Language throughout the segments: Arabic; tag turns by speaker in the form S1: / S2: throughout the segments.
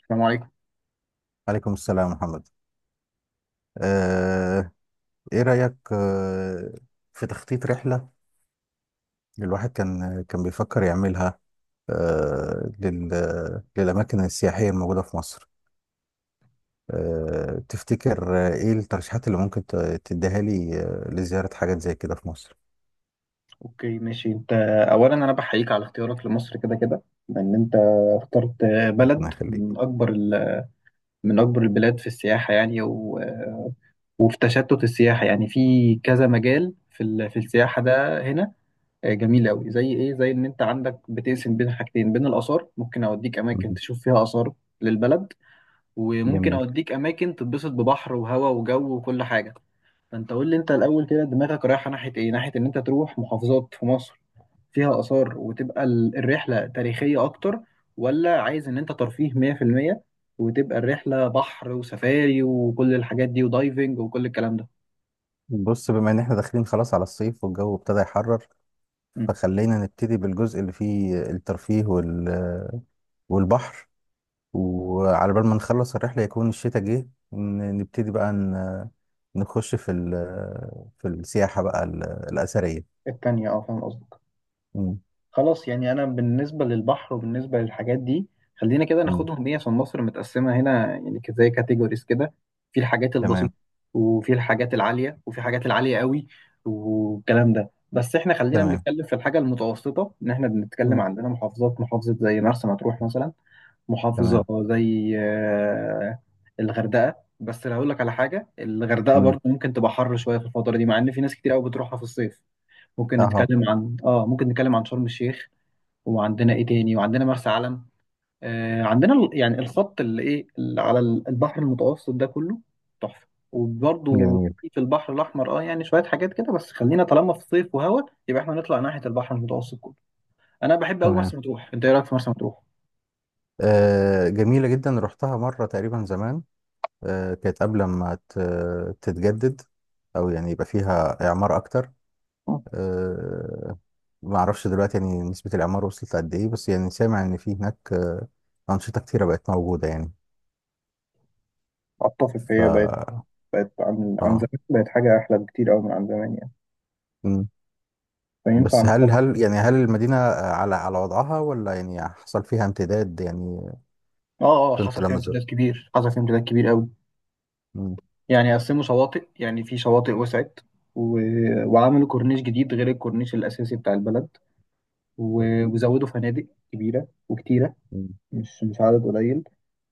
S1: السلام عليكم.
S2: عليكم السلام، محمد. آه، ايه رأيك في تخطيط رحلة الواحد كان بيفكر يعملها للأماكن السياحية الموجودة في مصر. تفتكر ايه الترشيحات اللي ممكن تديها لي لزيارة حاجات زي كده في مصر؟
S1: اوكي، ماشي. انت اولا انا بحييك على اختيارك لمصر، كده كده لان انت اخترت بلد
S2: ربنا يخليك.
S1: من اكبر من اكبر البلاد في السياحه يعني. وفي تشتت السياحه يعني في كذا مجال في السياحه ده هنا. جميل قوي، زي ايه؟ زي ان انت عندك بتقسم بين حاجتين، بين الاثار ممكن اوديك اماكن
S2: مهم.
S1: تشوف فيها اثار للبلد، وممكن
S2: جميل.
S1: اوديك اماكن تتبسط ببحر وهواء وجو وكل حاجه. فانت قول لي انت الاول كده، دماغك رايحه ناحيه ايه؟ ناحيه ان انت تروح محافظات في مصر فيها آثار وتبقى الرحلة تاريخية أكتر، ولا عايز إن أنت ترفيه 100% وتبقى الرحلة بحر وسفاري وكل الحاجات دي ودايفنج وكل الكلام ده؟
S2: بص، بما ان احنا داخلين خلاص على الصيف والجو ابتدى يحرر،
S1: مم.
S2: فخلينا نبتدي بالجزء اللي فيه الترفيه والبحر، وعلى بال ما نخلص الرحلة يكون الشتاء جه. نبتدي بقى نخش في السياحة بقى الأثرية.
S1: التانية، أه، فاهم قصدي.
S2: مم.
S1: خلاص، يعني انا بالنسبه للبحر وبالنسبه للحاجات دي، خلينا كده
S2: مم.
S1: ناخدهم ايه، عشان مصر متقسمه هنا يعني، زي كاتيجوريز كده. في الحاجات
S2: تمام،
S1: البسيطه، وفي الحاجات العاليه، وفي حاجات العاليه قوي والكلام ده. بس احنا خلينا
S2: تمام.
S1: بنتكلم في الحاجه المتوسطه، ان احنا بنتكلم
S2: مم.
S1: عندنا محافظات، محافظه زي مرسى مطروح مثلا، محافظه
S2: تمام.
S1: زي الغردقه. بس اللي هقول لك على حاجه، الغردقه
S2: مم.
S1: برضو ممكن تبقى حر شويه في الفتره دي، مع ان في ناس كتير قوي بتروحها في الصيف. ممكن
S2: أها.
S1: نتكلم عن ممكن نتكلم عن شرم الشيخ، وعندنا ايه تاني؟ وعندنا مرسى علم. آه عندنا يعني الخط اللي ايه، اللي على البحر المتوسط ده كله تحفه. وبرضه
S2: جميل.
S1: في البحر الاحمر اه، يعني شويه حاجات كده. بس خلينا طالما في صيف وهوا، يبقى احنا نطلع ناحيه البحر المتوسط كله. انا بحب قوي
S2: تمام.
S1: مرسى مطروح. انت ايه رايك في مرسى مطروح؟
S2: جميلة جدا، رحتها مرة تقريبا زمان. كانت قبل ما تتجدد أو يعني يبقى فيها إعمار أكتر.
S1: آه،
S2: آه ما أعرفش دلوقتي يعني نسبة الإعمار وصلت لقد إيه، بس يعني سامع إن في هناك أنشطة كتيرة بقت موجودة يعني.
S1: اتفق، هي بقت،
S2: ف
S1: بقت عن
S2: اه.
S1: زمان بقت حاجه احلى بكتير قوي من عن زمان يعني.
S2: مم.
S1: فينفع
S2: بس هل
S1: نخطط.
S2: هل يعني هل المدينة على وضعها ولا يعني حصل فيها امتداد يعني؟
S1: اه
S2: كنت
S1: حصل فيها
S2: لمزر.
S1: امتداد كبير، حصل فيها امتداد كبير قوي.
S2: مم.
S1: يعني قسموا شواطئ، يعني في شواطئ وسعت، و... وعملوا كورنيش جديد غير الكورنيش الأساسي بتاع البلد،
S2: طيب.
S1: وزودوا فنادق كبيرة وكتيرة،
S2: مم.
S1: مش عدد قليل.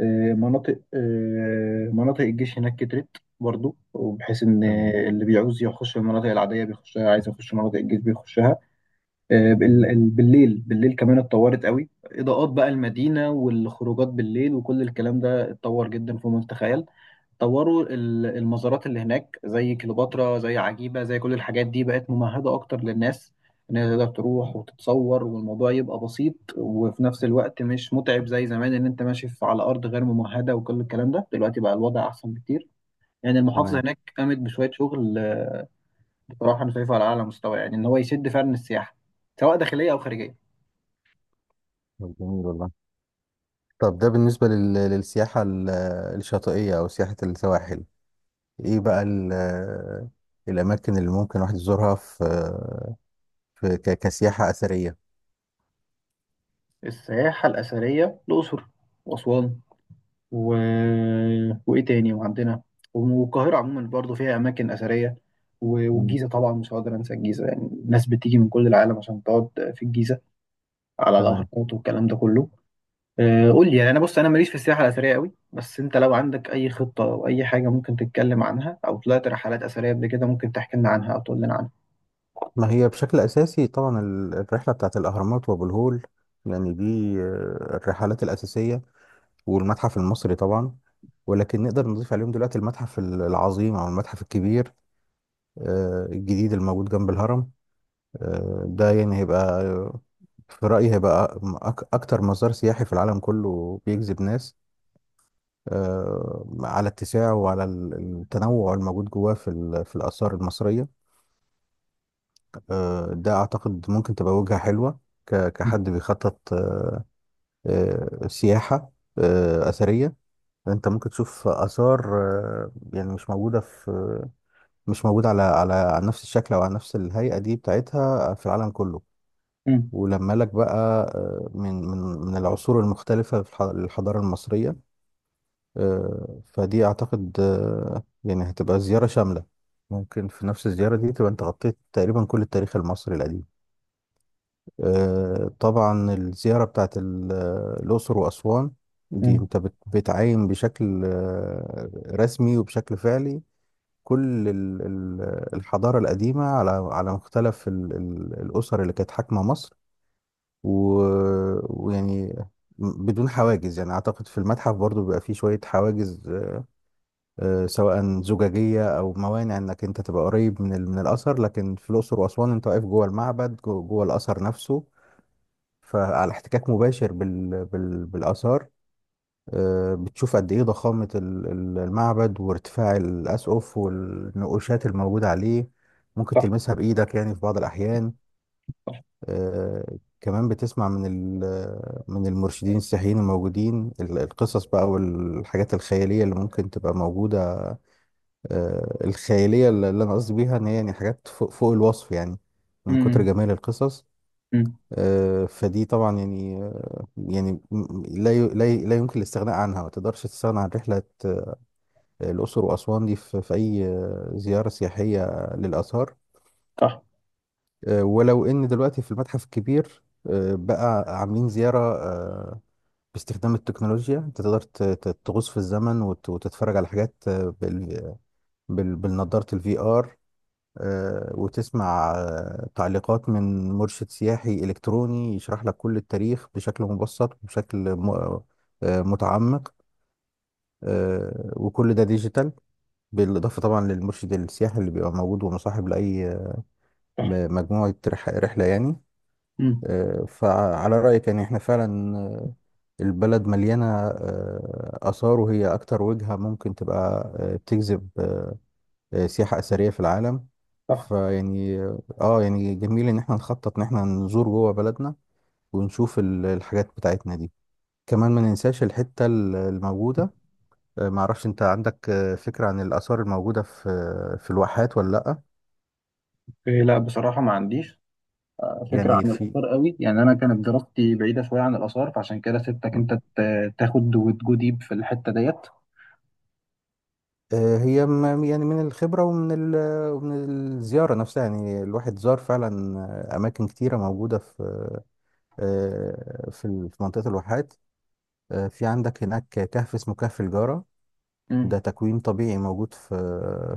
S1: مناطق، مناطق الجيش هناك كترت برضو، وبحيث ان
S2: تمام.
S1: اللي بيعوز يخش المناطق العاديه بيخشها، عايز يخش مناطق الجيش بيخشها. آه، بال-
S2: مم.
S1: ال- بالليل بالليل كمان اتطورت قوي، اضاءات بقى المدينه والخروجات بالليل وكل الكلام ده اتطور جدا فوق ما تتخيل. طوروا المزارات اللي هناك، زي كليوباترا، زي عجيبة، زي كل الحاجات دي بقت ممهدة أكتر للناس، إن هي تقدر تروح وتتصور والموضوع يبقى بسيط وفي نفس الوقت مش متعب زي زمان، إن أنت ماشي على أرض غير ممهدة وكل الكلام ده. دلوقتي بقى الوضع أحسن بكتير، يعني المحافظة
S2: تمام.
S1: هناك قامت بشوية شغل. بصراحة أنا شايفها على أعلى مستوى، يعني إن هو يشد فعلا السياحة سواء داخلية أو خارجية.
S2: طب جميل والله. طب ده بالنسبة للسياحة الشاطئية أو سياحة السواحل. إيه بقى الأماكن اللي ممكن الواحد يزورها في كسياحة أثرية؟
S1: السياحة الأثرية، الأقصر وأسوان و... وايه تاني؟ وعندنا والقاهره عموما برضو فيها اماكن اثريه.
S2: مم.
S1: والجيزه طبعا مش هقدر انسى الجيزه، يعني الناس بتيجي من كل العالم عشان تقعد في الجيزه على
S2: تمام.
S1: الاهرامات والكلام ده كله. قول لي يعني، انا بص، انا ماليش في السياحه الاثريه قوي، بس انت لو عندك اي خطه او اي حاجه ممكن تتكلم عنها، او طلعت رحلات اثريه قبل كده ممكن تحكي لنا عنها او تقول لنا عنها.
S2: ما هي بشكل أساسي طبعا الرحلة بتاعت الأهرامات وأبو الهول، لأن دي الرحلات الأساسية، والمتحف المصري طبعا. ولكن نقدر نضيف عليهم دلوقتي المتحف العظيم أو المتحف الكبير، الجديد الموجود جنب الهرم. ده يعني هيبقى، في رأيي، هيبقى أكتر مزار سياحي في العالم كله بيجذب ناس على اتساعه وعلى التنوع الموجود جواه في الآثار المصرية. ده أعتقد ممكن تبقى وجهة حلوة كحد بيخطط سياحة أثرية. أنت ممكن تشوف آثار يعني مش موجودة مش موجودة على نفس الشكل أو على نفس الهيئة دي بتاعتها في العالم كله.
S1: امم.
S2: ولما لك بقى، آه، من من من العصور المختلفة للحضارة المصرية. فدي أعتقد يعني هتبقى زيارة شاملة. ممكن في نفس الزيارة دي تبقى أنت غطيت تقريبا كل التاريخ المصري القديم. طبعا الزيارة بتاعت الأقصر وأسوان، دي
S1: امم.
S2: أنت بتعاين بشكل رسمي وبشكل فعلي. كل الحضارة القديمة على مختلف الأسر اللي كانت حاكمة مصر. ويعني بدون حواجز. يعني أعتقد في المتحف برضو بيبقى فيه شوية حواجز سواء زجاجية أو موانع إنك أنت تبقى قريب من الأثر. لكن في الأقصر وأسوان أنت واقف جوه المعبد، جوه الأثر نفسه. فعلى احتكاك مباشر بالآثار. بتشوف قد إيه ضخامة المعبد وارتفاع الأسقف والنقوشات الموجودة عليه، ممكن
S1: صح،
S2: تلمسها بإيدك يعني في بعض الأحيان.
S1: صح.
S2: آه، كمان بتسمع من المرشدين السياحيين الموجودين القصص بقى والحاجات الخيالية اللي ممكن تبقى موجودة. الخيالية اللي أنا قصدي بيها إن هي يعني حاجات فوق الوصف يعني، من كتر
S1: امم،
S2: جمال القصص.
S1: امم.
S2: فدي طبعا يعني، يعني لا يمكن الاستغناء عنها. ما تقدرش تستغنى عن رحلة الأقصر وأسوان دي في أي زيارة سياحية للآثار.
S1: صح،
S2: ولو إن دلوقتي في المتحف الكبير بقى عاملين زيارة باستخدام التكنولوجيا، أنت تقدر تغوص في الزمن وتتفرج على حاجات بالنضارة الفي آر. وتسمع تعليقات من مرشد سياحي إلكتروني يشرح لك كل التاريخ بشكل مبسط وبشكل متعمق. وكل ده ديجيتال. بالإضافة طبعا للمرشد السياحي اللي بيبقى موجود ومصاحب لأي
S1: صح.
S2: مجموعة رحلة يعني.
S1: امم.
S2: فعلى رأيك يعني احنا فعلا، البلد مليانة آثار، وهي أكتر وجهة ممكن تبقى بتجذب سياحة أثرية في العالم.
S1: صح.
S2: فيعني اه يعني جميل إن احنا نخطط إن احنا نزور جوه بلدنا، ونشوف الحاجات بتاعتنا دي. كمان ما ننساش الحتة الموجودة. معرفش أنت عندك فكرة عن الآثار الموجودة في الواحات ولا لأ؟
S1: إيه، لا بصراحه ما عنديش فكرة
S2: يعني
S1: عن
S2: في،
S1: الآثار قوي، يعني أنا كانت دراستي بعيدة شوية عن الآثار، فعشان كده سبتك أنت تاخد وتجو ديب في الحتة ديت.
S2: هي يعني من الخبرة ومن ومن الزيارة نفسها. يعني الواحد زار فعلا أماكن كتيرة موجودة في، في منطقة الواحات. في عندك هناك كهف اسمه كهف الجارة. ده
S1: امم.
S2: تكوين طبيعي موجود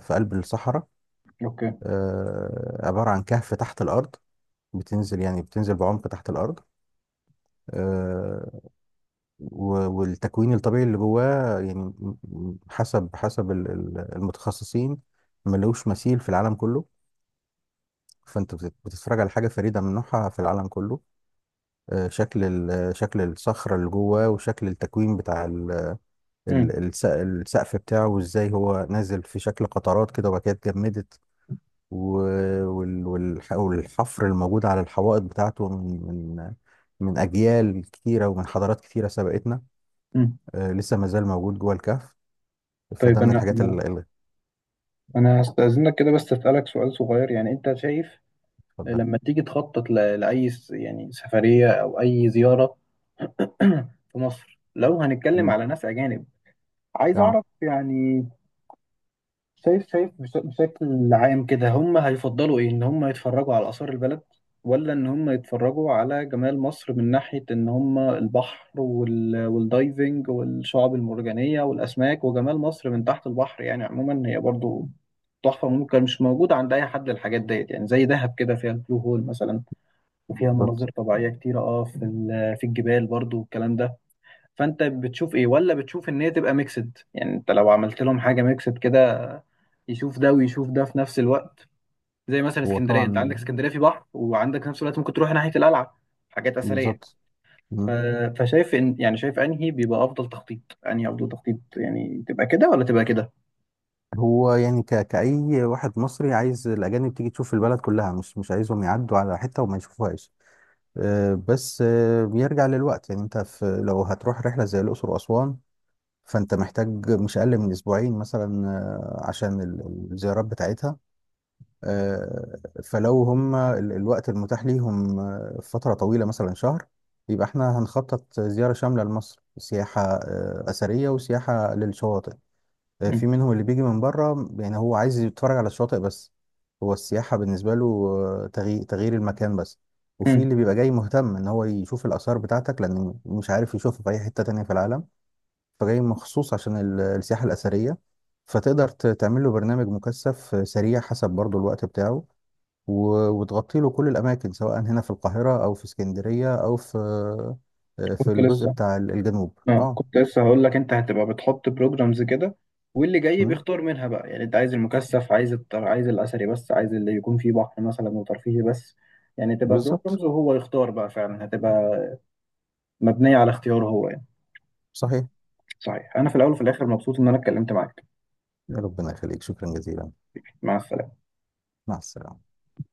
S2: في قلب الصحراء.
S1: أوكي.
S2: عبارة عن كهف تحت الأرض. بتنزل، يعني بتنزل بعمق تحت الأرض. آه، والتكوين الطبيعي اللي جواه يعني، حسب المتخصصين، ملوش مثيل في العالم كله. فأنت بتتفرج على حاجة فريدة من نوعها في العالم كله. شكل الصخرة اللي جواه، وشكل التكوين بتاع
S1: امم.
S2: السقف بتاعه، وازاي هو نازل في شكل قطرات كده وبعد كده اتجمدت. والحفر الموجود على الحوائط بتاعته من من من أجيال كتيرة، ومن حضارات كتيرة سبقتنا،
S1: امم.
S2: لسه ما زال موجود جوه الكهف.
S1: طيب،
S2: فده من
S1: أنا
S2: الحاجات
S1: أنا أنا هستأذنك كده بس أسألك سؤال صغير، يعني أنت شايف
S2: اتفضل.
S1: لما تيجي تخطط لأي يعني سفرية أو أي زيارة في مصر، لو هنتكلم
S2: مم.
S1: على ناس أجانب، عايز
S2: اه.
S1: أعرف يعني، بشكل عام كده هم هيفضلوا ايه؟ ان هم يتفرجوا على آثار البلد، ولا ان هم يتفرجوا على جمال مصر من ناحية ان هم البحر والدايفنج والشعاب المرجانية والأسماك، وجمال مصر من تحت البحر؟ يعني عموما هي برضو تحفة، ممكن مش موجودة عند أي حد الحاجات ديت. يعني زي دهب كده فيها البلو هول مثلا، وفيها
S2: بالظبط.
S1: مناظر طبيعية كتيرة، اه في الجبال برضو والكلام ده. فانت بتشوف ايه؟ ولا بتشوف ان هي تبقى ميكسد؟ يعني انت لو عملت لهم حاجه ميكسد كده، يشوف ده ويشوف ده في نفس الوقت، زي مثلا
S2: هو
S1: اسكندريه، انت عندك
S2: طبعا.
S1: اسكندريه في بحر وعندك في نفس الوقت ممكن تروح ناحيه القلعه، حاجات اثريه.
S2: بالظبط.
S1: ف...
S2: مم.
S1: فشايف ان يعني، شايف انهي افضل تخطيط، يعني تبقى كده ولا تبقى كده؟
S2: هو يعني كأي واحد مصري عايز الأجانب تيجي تشوف البلد كلها، مش عايزهم يعدوا على حتة وما يشوفوهاش. بس بيرجع للوقت. يعني انت لو هتروح رحلة زي الأقصر وأسوان، فانت محتاج مش اقل من 2 اسبوعين مثلا عشان الزيارات بتاعتها. فلو هم الوقت المتاح ليهم فترة طويلة مثلا شهر، يبقى احنا هنخطط زيارة شاملة لمصر، سياحة أثرية وسياحة للشواطئ. في منهم اللي بيجي من بره يعني هو عايز يتفرج على الشواطئ بس. هو السياحة بالنسبة له تغيير المكان بس. وفي
S1: امم.
S2: اللي بيبقى جاي مهتم ان هو يشوف الآثار بتاعتك، لأن مش عارف يشوفها في أي حتة تانية في العالم. فجاي مخصوص عشان السياحة الأثرية. فتقدر تعمل له برنامج مكثف سريع حسب برضو الوقت بتاعه. وتغطي له كل الأماكن، سواء هنا في القاهرة أو في اسكندرية أو في
S1: كنت
S2: الجزء
S1: لسه،
S2: بتاع الجنوب.
S1: اه
S2: اه.
S1: كنت لسه هقول لك، انت هتبقى بتحط بروجرامز كده، واللي جاي
S2: مم،
S1: بيختار منها بقى، يعني انت عايز المكثف، عايز عايز الاثري بس، عايز اللي يكون فيه بحر مثلا وترفيهي بس. يعني تبقى
S2: بالظبط.
S1: بروجرامز وهو يختار بقى، فعلا هتبقى مبنية على اختياره هو يعني.
S2: صحيح.
S1: صحيح، انا في الاول وفي الاخر مبسوط ان انا اتكلمت معاك.
S2: يا ربنا يخليك، شكرا جزيلا.
S1: مع السلامة.
S2: مع السلامة.